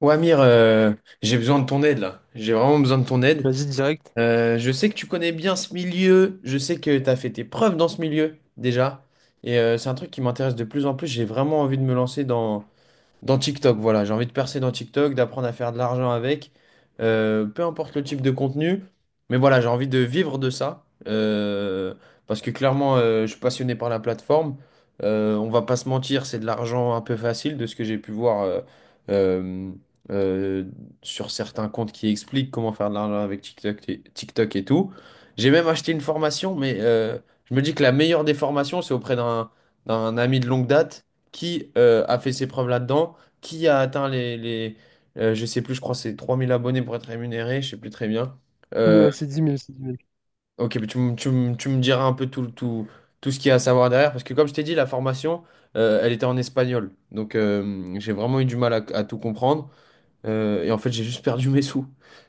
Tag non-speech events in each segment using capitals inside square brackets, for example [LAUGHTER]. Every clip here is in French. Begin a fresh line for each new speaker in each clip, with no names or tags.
Ouais, Amir, j'ai besoin de ton aide là. J'ai vraiment besoin de ton aide.
Vas-y, direct.
Je sais que tu connais bien ce milieu. Je sais que tu as fait tes preuves dans ce milieu déjà. Et c'est un truc qui m'intéresse de plus en plus. J'ai vraiment envie de me lancer dans TikTok, voilà, j'ai envie de percer dans TikTok, d'apprendre à faire de l'argent avec, peu importe le type de contenu, mais voilà, j'ai envie de vivre de ça, parce que clairement, je suis passionné par la plateforme. On va pas se mentir, c'est de l'argent un peu facile de ce que j'ai pu voir euh, euh, sur certains comptes qui expliquent comment faire de l'argent avec TikTok TikTok et tout. J'ai même acheté une formation, mais je me dis que la meilleure des formations, c'est auprès d'un ami de longue date qui a fait ses preuves là-dedans, qui a atteint les, je sais plus, je crois que c'est 3 000 abonnés pour être rémunéré, je sais plus très bien. Euh,
C'est dix mille.
ok, mais tu me diras un peu tout ce qu'il y a à savoir derrière, parce que comme je t'ai dit, la formation, elle était en espagnol, donc j'ai vraiment eu du mal à tout comprendre. Et en fait, j'ai juste perdu mes sous.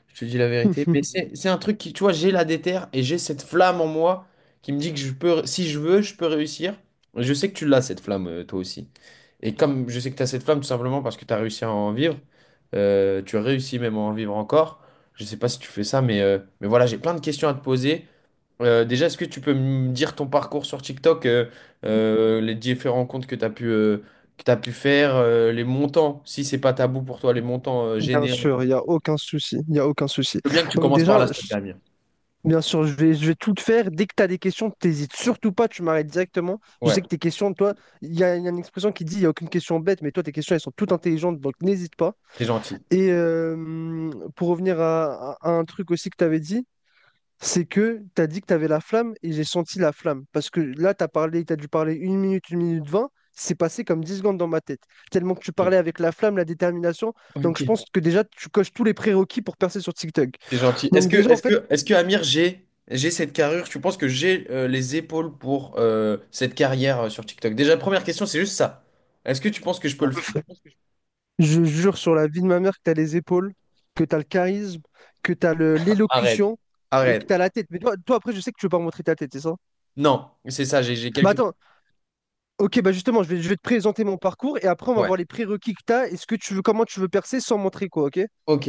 Je te dis la vérité. Mais
[LAUGHS]
c'est un truc qui, tu vois, j'ai la déterre et j'ai cette flamme en moi qui me dit que je peux, si je veux, je peux réussir. Et je sais que tu l'as, cette flamme, toi aussi. Et comme je sais que tu as cette flamme, tout simplement parce que tu as réussi à en vivre, tu as réussi même à en vivre encore. Je sais pas si tu fais ça, mais voilà, j'ai plein de questions à te poser. Déjà, est-ce que tu peux me dire ton parcours sur TikTok, les différents comptes que tu as pu, que tu pu faire, les montants, si c'est pas tabou pour toi, les montants
Bien
générés. Je
sûr, il n'y a aucun souci. Il n'y a aucun souci.
veux bien que tu
Donc
commences par là,
déjà,
s'il Amir.
bien sûr, je vais tout te faire. Dès que tu as des questions, t'hésites surtout pas, tu m'arrêtes directement. Je
Ouais,
sais que tes questions, toi, il y a une expression qui dit il n'y a aucune question bête, mais toi, tes questions, elles sont toutes intelligentes, donc n'hésite pas.
c'est gentil.
Et pour revenir à un truc aussi que tu avais dit, c'est que tu as dit que tu avais la flamme et j'ai senti la flamme. Parce que là, tu as parlé, tu as dû parler 1 minute 20, c'est passé comme 10 secondes dans ma tête. Tellement que tu
Ok.
parlais avec la flamme, la détermination. Donc
Ok.
je pense que déjà, tu coches tous les prérequis pour percer sur TikTok.
C'est gentil.
Donc déjà, en fait,
Est-ce que Amir, j'ai cette carrure? Tu penses que j'ai les épaules pour cette carrière sur TikTok? Déjà, première question, c'est juste ça. Est-ce que tu penses que je peux le faire?
ah, je jure sur la vie de ma mère que tu as les épaules, que tu as le charisme, que tu as
Arrête.
l'élocution et que
Arrête.
tu as la tête. Mais toi, toi, après, je sais que tu veux pas montrer ta tête, c'est ça?
Non, c'est ça, j'ai
Bah
quelques...
attends, ok, bah justement, je vais te présenter mon parcours et après, on va
Ouais.
voir les prérequis que tu as et ce que tu veux, comment tu veux percer sans montrer quoi, ok?
Ok.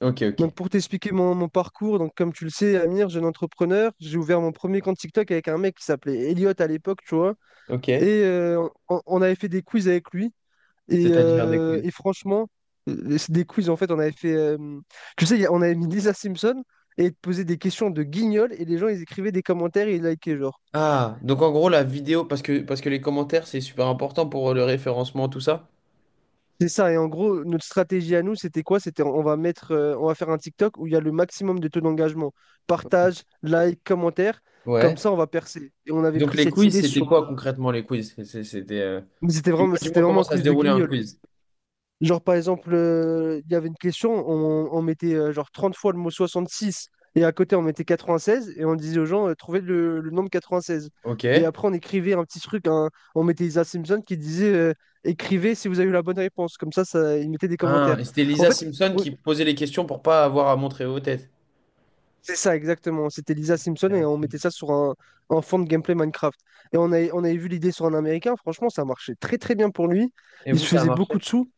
Ok, ok.
Donc pour t'expliquer mon parcours, donc comme tu le sais, Amir, jeune entrepreneur, j'ai ouvert mon premier compte TikTok avec un mec qui s'appelait Elliot à l'époque, tu vois.
Ok.
Et on avait fait des quiz avec lui. Et,
C'est-à-dire des
euh,
quiz.
et franchement, c'est des quiz, en fait, on avait fait... tu sais, on avait mis Lisa Simpson et il te posait des questions de guignol et les gens, ils écrivaient des commentaires et ils likaient, genre.
Ah, donc en gros, la vidéo, parce que les commentaires, c'est super important pour le référencement, tout ça.
C'est ça, et en gros, notre stratégie à nous, c'était quoi? C'était on va faire un TikTok où il y a le maximum de taux d'engagement. Partage, like, commentaire, comme
Ouais.
ça on va percer. Et on avait
Donc
pris
les
cette
quiz,
idée
c'était quoi
sur.
concrètement les quiz? C'était…
Mais c'était
Dis-moi,
vraiment,
dis-moi
c'était vraiment
comment
un
ça se
quiz de
déroulait un
guignol.
quiz.
Genre par exemple, il y avait une question, on mettait genre 30 fois le mot 66 et à côté on mettait 96 et on disait aux gens, trouvez le nombre 16. Et
Ok.
après on écrivait un petit truc, hein, on mettait Isa Simpson qui disait, écrivez si vous avez eu la bonne réponse. Comme ça, ils mettaient des
Ah,
commentaires.
et c'était
En
Lisa
fait,
Simpson
au-
qui posait les questions pour pas avoir à montrer vos têtes.
c'est ça, exactement. C'était Lisa Simpson et
Intéressant.
on mettait ça sur un fond de gameplay Minecraft. Et on avait vu l'idée sur un Américain. Franchement, ça marchait très très bien pour lui.
Et
Il
vous,
se
ça a
faisait beaucoup
marché?
de sous.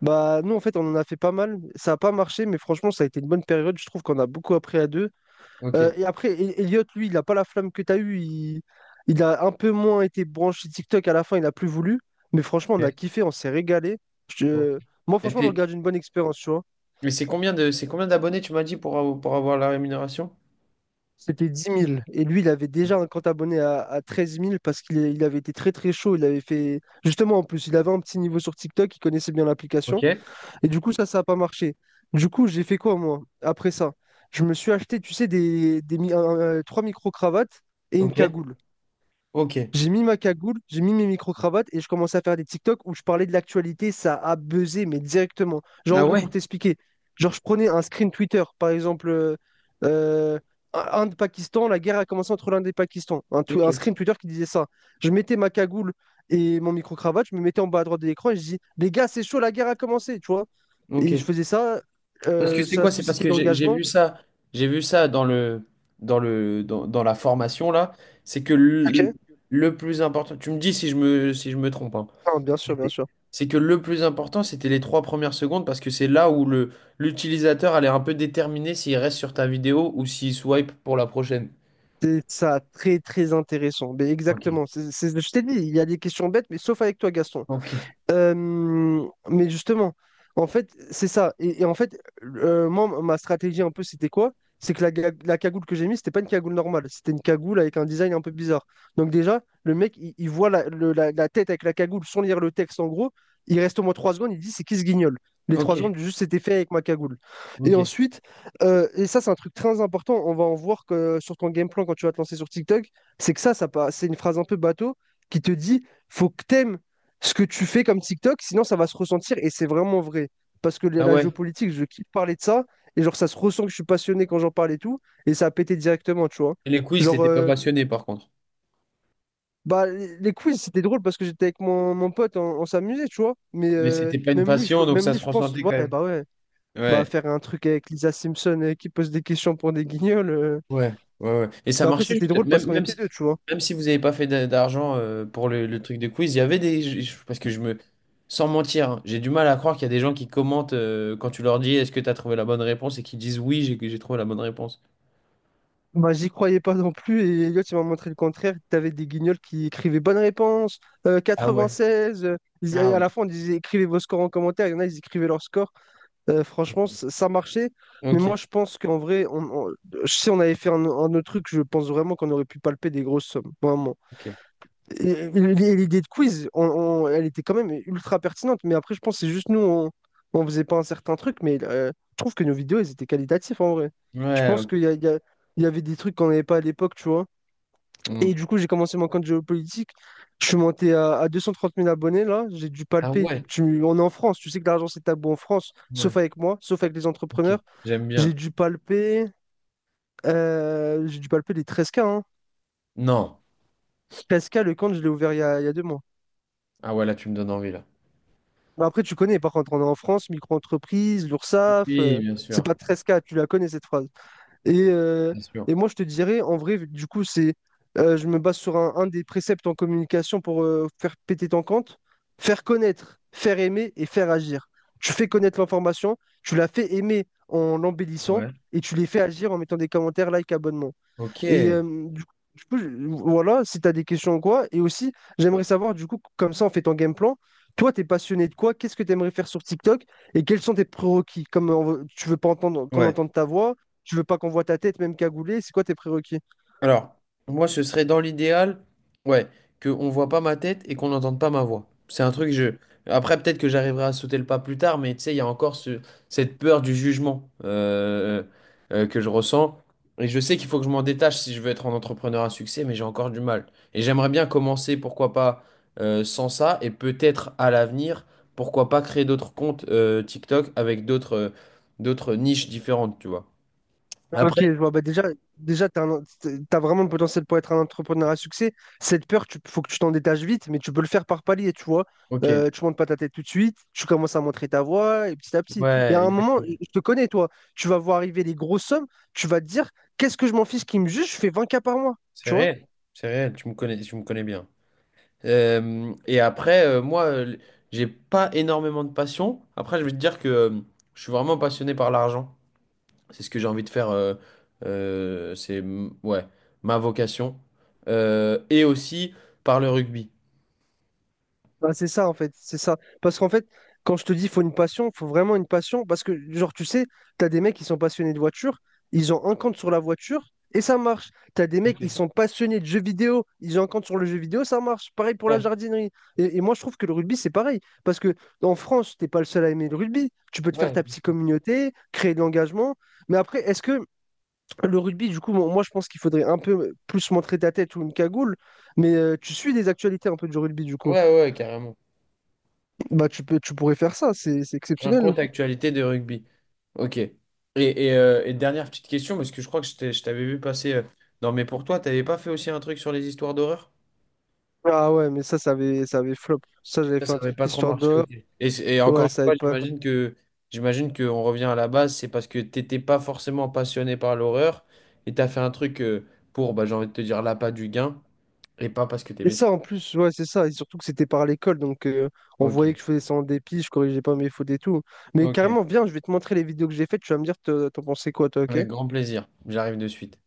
Bah, nous, en fait, on en a fait pas mal. Ça n'a pas marché, mais franchement, ça a été une bonne période. Je trouve qu'on a beaucoup appris à deux.
Ok.
Et après, Elliot, lui, il n'a pas la flamme que tu as eue. Il a un peu moins été branché TikTok à la fin. Il n'a plus voulu. Mais franchement, on a
Ok.
kiffé, on s'est régalé.
Bon.
Je- Moi,
Et
franchement, on
t'es-
regarde une bonne expérience, tu vois.
mais c'est combien de, c'est combien d'abonnés, tu m'as dit, pour avoir la rémunération?
C'était 10 000. Et lui, il avait déjà un compte abonné à 13 000 parce qu'il est- il avait été très très chaud. Il avait fait. Justement, en plus, il avait un petit niveau sur TikTok, il connaissait bien l'application.
Ok.
Et du coup, ça n'a pas marché. Du coup, j'ai fait quoi, moi, après ça? Je me suis acheté, tu sais, des mi- un- trois micro-cravates et une
Ok.
cagoule.
Ok.
J'ai mis ma cagoule, j'ai mis mes micro-cravates et je commençais à faire des TikTok où je parlais de l'actualité, ça a buzzé, mais directement. Genre, en
Ah
gros,
ouais?
pour t'expliquer, genre, je prenais un screen Twitter, par exemple, euh, Inde-Pakistan, la guerre a commencé entre l'Inde et le Pakistan. Un, tw-
Ok.
un screen Twitter qui disait ça. Je mettais ma cagoule et mon micro-cravate, je me mettais en bas à droite de l'écran et je dis, les gars, c'est chaud, la guerre a commencé, tu vois. Et je
Ok.
faisais ça,
Parce que c'est
ça
quoi? C'est parce
suscitait
que
de l'engagement.
j'ai vu ça dans la formation là. C'est que le,
Ok.
le plus important, tu me dis si je me trompe, hein.
Ah, bien sûr, bien
C'est
sûr.
c'est que le plus important, c'était les trois premières secondes parce que c'est là où l'utilisateur allait un peu déterminer s'il reste sur ta vidéo ou s'il swipe pour la prochaine.
C'est ça, très très intéressant. Mais
Ok.
exactement. Je t'ai dit, il y a des questions bêtes, mais sauf avec toi, Gaston.
Ok,
Mais justement, en fait, c'est ça. Et en fait, moi, ma stratégie un peu, c'était quoi? C'est que la cagoule que j'ai mise, c'était pas une cagoule normale. C'était une cagoule avec un design un peu bizarre. Donc déjà, le mec, il voit la tête avec la cagoule sans lire le texte, en gros. Il reste au moins 3 secondes, il dit, c'est qui ce guignol? Les trois secondes,
ok,
juste, c'était fait avec ma cagoule. Et
ok.
ensuite, ça, c'est un truc très important, on va en voir que sur ton game plan quand tu vas te lancer sur TikTok, c'est que ça, c'est une phrase un peu bateau qui te dit, faut que t'aimes ce que tu fais comme TikTok, sinon ça va se ressentir et c'est vraiment vrai. Parce que la
Ah
la
ouais.
géopolitique, je kiffe parler de ça et genre ça se ressent que je suis passionné quand j'en parle et tout et ça a pété directement, tu vois.
Et les quiz,
Genre,
t'étais pas passionné par contre.
bah, les quiz c'était drôle parce que j'étais avec mon pote, on s'amusait, tu vois. Mais
Mais
euh,
c'était pas une
même lui,
passion, donc
même
ça
lui,
se
je pense,
ressentait quand même.
ouais, bah
Ouais.
faire un truc avec Lisa Simpson qui pose des questions pour des guignols.
Ouais, ouais. Et ça
Bah après,
marchait
c'était
juste,
drôle parce qu'on était deux, tu vois.
même si vous n'avez pas fait d'argent pour le truc de quiz, il y avait des. Parce que je me. Sans mentir, hein, j'ai du mal à croire qu'il y a des gens qui commentent quand tu leur dis est-ce que tu as trouvé la bonne réponse et qui disent oui, j'ai trouvé la bonne réponse.
Bah, j'y croyais pas non plus, et Elliot, il m'a montré le contraire. T'avais des guignols qui écrivaient bonne réponse,
Ah ouais.
96.
Ah
À
ouais.
la fin, on disait écrivez vos scores en commentaire. Il y en a, ils écrivaient leur score. Franchement, ça marchait. Mais
Ok,
moi, je pense qu'en vrai, on- si on avait fait un autre truc, je pense vraiment qu'on aurait pu palper des grosses sommes. Vraiment.
ok.
Et l'idée de quiz, elle était quand même ultra pertinente, mais après, je pense que c'est juste nous, on faisait pas un certain truc, mais je trouve que nos vidéos, elles étaient qualitatives en vrai. Je
Ouais,
pense
ok.
qu'il y a- il y a- il y avait des trucs qu'on n'avait pas à l'époque, tu vois.
Hmm.
Et du coup, j'ai commencé mon compte géopolitique. Je suis monté à 230 000 abonnés, là. J'ai dû
Ah
palper.
ouais,
On est en France, tu sais que l'argent, c'est tabou en France, sauf
ouais,
avec moi, sauf avec les
ok.
entrepreneurs.
J'aime bien.
J'ai dû palper, j'ai dû palper les 13K, hein.
Non.
13K, le compte, je l'ai ouvert il y a 2 mois.
Ah ouais, là, tu me donnes envie, là.
Mais après, tu connais, par contre, on est en France, micro-entreprise, l'URSSAF,
Oui, bien
c'est
sûr,
pas 13K tu la connais cette phrase. Et, euh,
bien sûr.
et moi, je te dirais, en vrai, du coup, je me base sur un des préceptes en communication pour faire péter ton compte, faire connaître, faire aimer et faire agir. Tu fais connaître l'information, tu la fais aimer en l'embellissant
Ouais.
et tu les fais agir en mettant des commentaires, like, abonnement.
Ok.
Et du coup, voilà, si tu as des questions ou quoi, et aussi, j'aimerais savoir, du coup, comme ça, on fait ton game plan. Toi, t'es passionné de quoi? Qu'est-ce que tu aimerais faire sur TikTok? Et quels sont tes prérequis? Comme tu veux pas entendre qu'on
Ouais.
entende ta voix, tu veux pas qu'on voit ta tête, même cagoulée, c'est quoi tes prérequis?
Alors, moi, ce serait dans l'idéal, ouais, qu'on voit pas ma tête et qu'on n'entende pas ma voix. C'est un truc, je... Après, peut-être que j'arriverai à sauter le pas plus tard, mais tu sais, il y a encore cette peur du jugement que je ressens. Et je sais qu'il faut que je m'en détache si je veux être un entrepreneur à succès, mais j'ai encore du mal. Et j'aimerais bien commencer, pourquoi pas, sans ça, et peut-être à l'avenir, pourquoi pas créer d'autres comptes TikTok avec d'autres d'autres niches différentes, tu vois.
Ah, ok,
Après,
je vois. Bah déjà tu as, vraiment le potentiel pour être un entrepreneur à succès. Cette peur, il faut que tu t'en détaches vite, mais tu peux le faire par palier, tu vois.
ok.
Tu montes pas ta tête tout de suite, tu commences à montrer ta voix, et petit à petit. Et à
Ouais,
un moment,
exactement.
je te connais, toi, tu vas voir arriver des grosses sommes, tu vas te dire, qu'est-ce que je m'en fiche qui me juge, je fais 20K par mois,
C'est
tu vois.
réel, c'est réel, tu me connais bien. Et après, moi, j'ai pas énormément de passion. Après, je vais te dire que je suis vraiment passionné par l'argent. C'est ce que j'ai envie de faire. Ouais, ma vocation. Et aussi par le rugby.
Bah, c'est ça en fait, c'est ça. Parce qu'en fait, quand je te dis faut une passion, faut vraiment une passion. Parce que, genre, tu sais, t'as des mecs qui sont passionnés de voiture, ils ont un compte sur la voiture et ça marche. T'as des mecs
Ok.
qui sont passionnés de jeux vidéo, ils ont un compte sur le jeu vidéo, ça marche. Pareil pour la
Ouais,
jardinerie. Et moi, je trouve que le rugby, c'est pareil. Parce que en France, t'es pas le seul à aimer le rugby. Tu peux te faire
ouais,
ta petite communauté, créer de l'engagement. Mais après, est-ce que le rugby, du coup, moi, moi, je pense qu'il faudrait un peu plus montrer ta tête ou une cagoule. Mais tu suis des actualités un peu du rugby, du coup.
ouais, ouais, carrément.
Bah, tu pourrais faire ça, c'est
Un
exceptionnel.
compte actualité de rugby. Ok. Et, et dernière petite question, parce que je crois que je t'avais vu passer dans mes pour toi, t'avais pas fait aussi un truc sur les histoires d'horreur?
Ah ouais, mais ça, ça avait flop. Ça, j'avais
Ça,
fait
ça
un
n'avait
truc
pas trop
histoire
marché,
de.
ok. Et encore
Ouais,
une
ça avait
fois,
pas.
j'imagine qu'on revient à la base, c'est parce que t'étais pas forcément passionné par l'horreur et t'as fait un truc pour, bah, j'ai envie de te dire, l'appât du gain et pas parce que
Et
t'aimais ça.
ça, en plus, ouais, c'est ça. Et surtout que c'était par l'école, donc on
Ok,
voyait que je faisais ça en dépit, je corrigeais pas mes fautes et tout. Mais
ok,
carrément, viens, je vais te montrer les vidéos que j'ai faites, tu vas me dire, t'en pensais quoi, toi, ok?
avec grand plaisir. J'arrive de suite.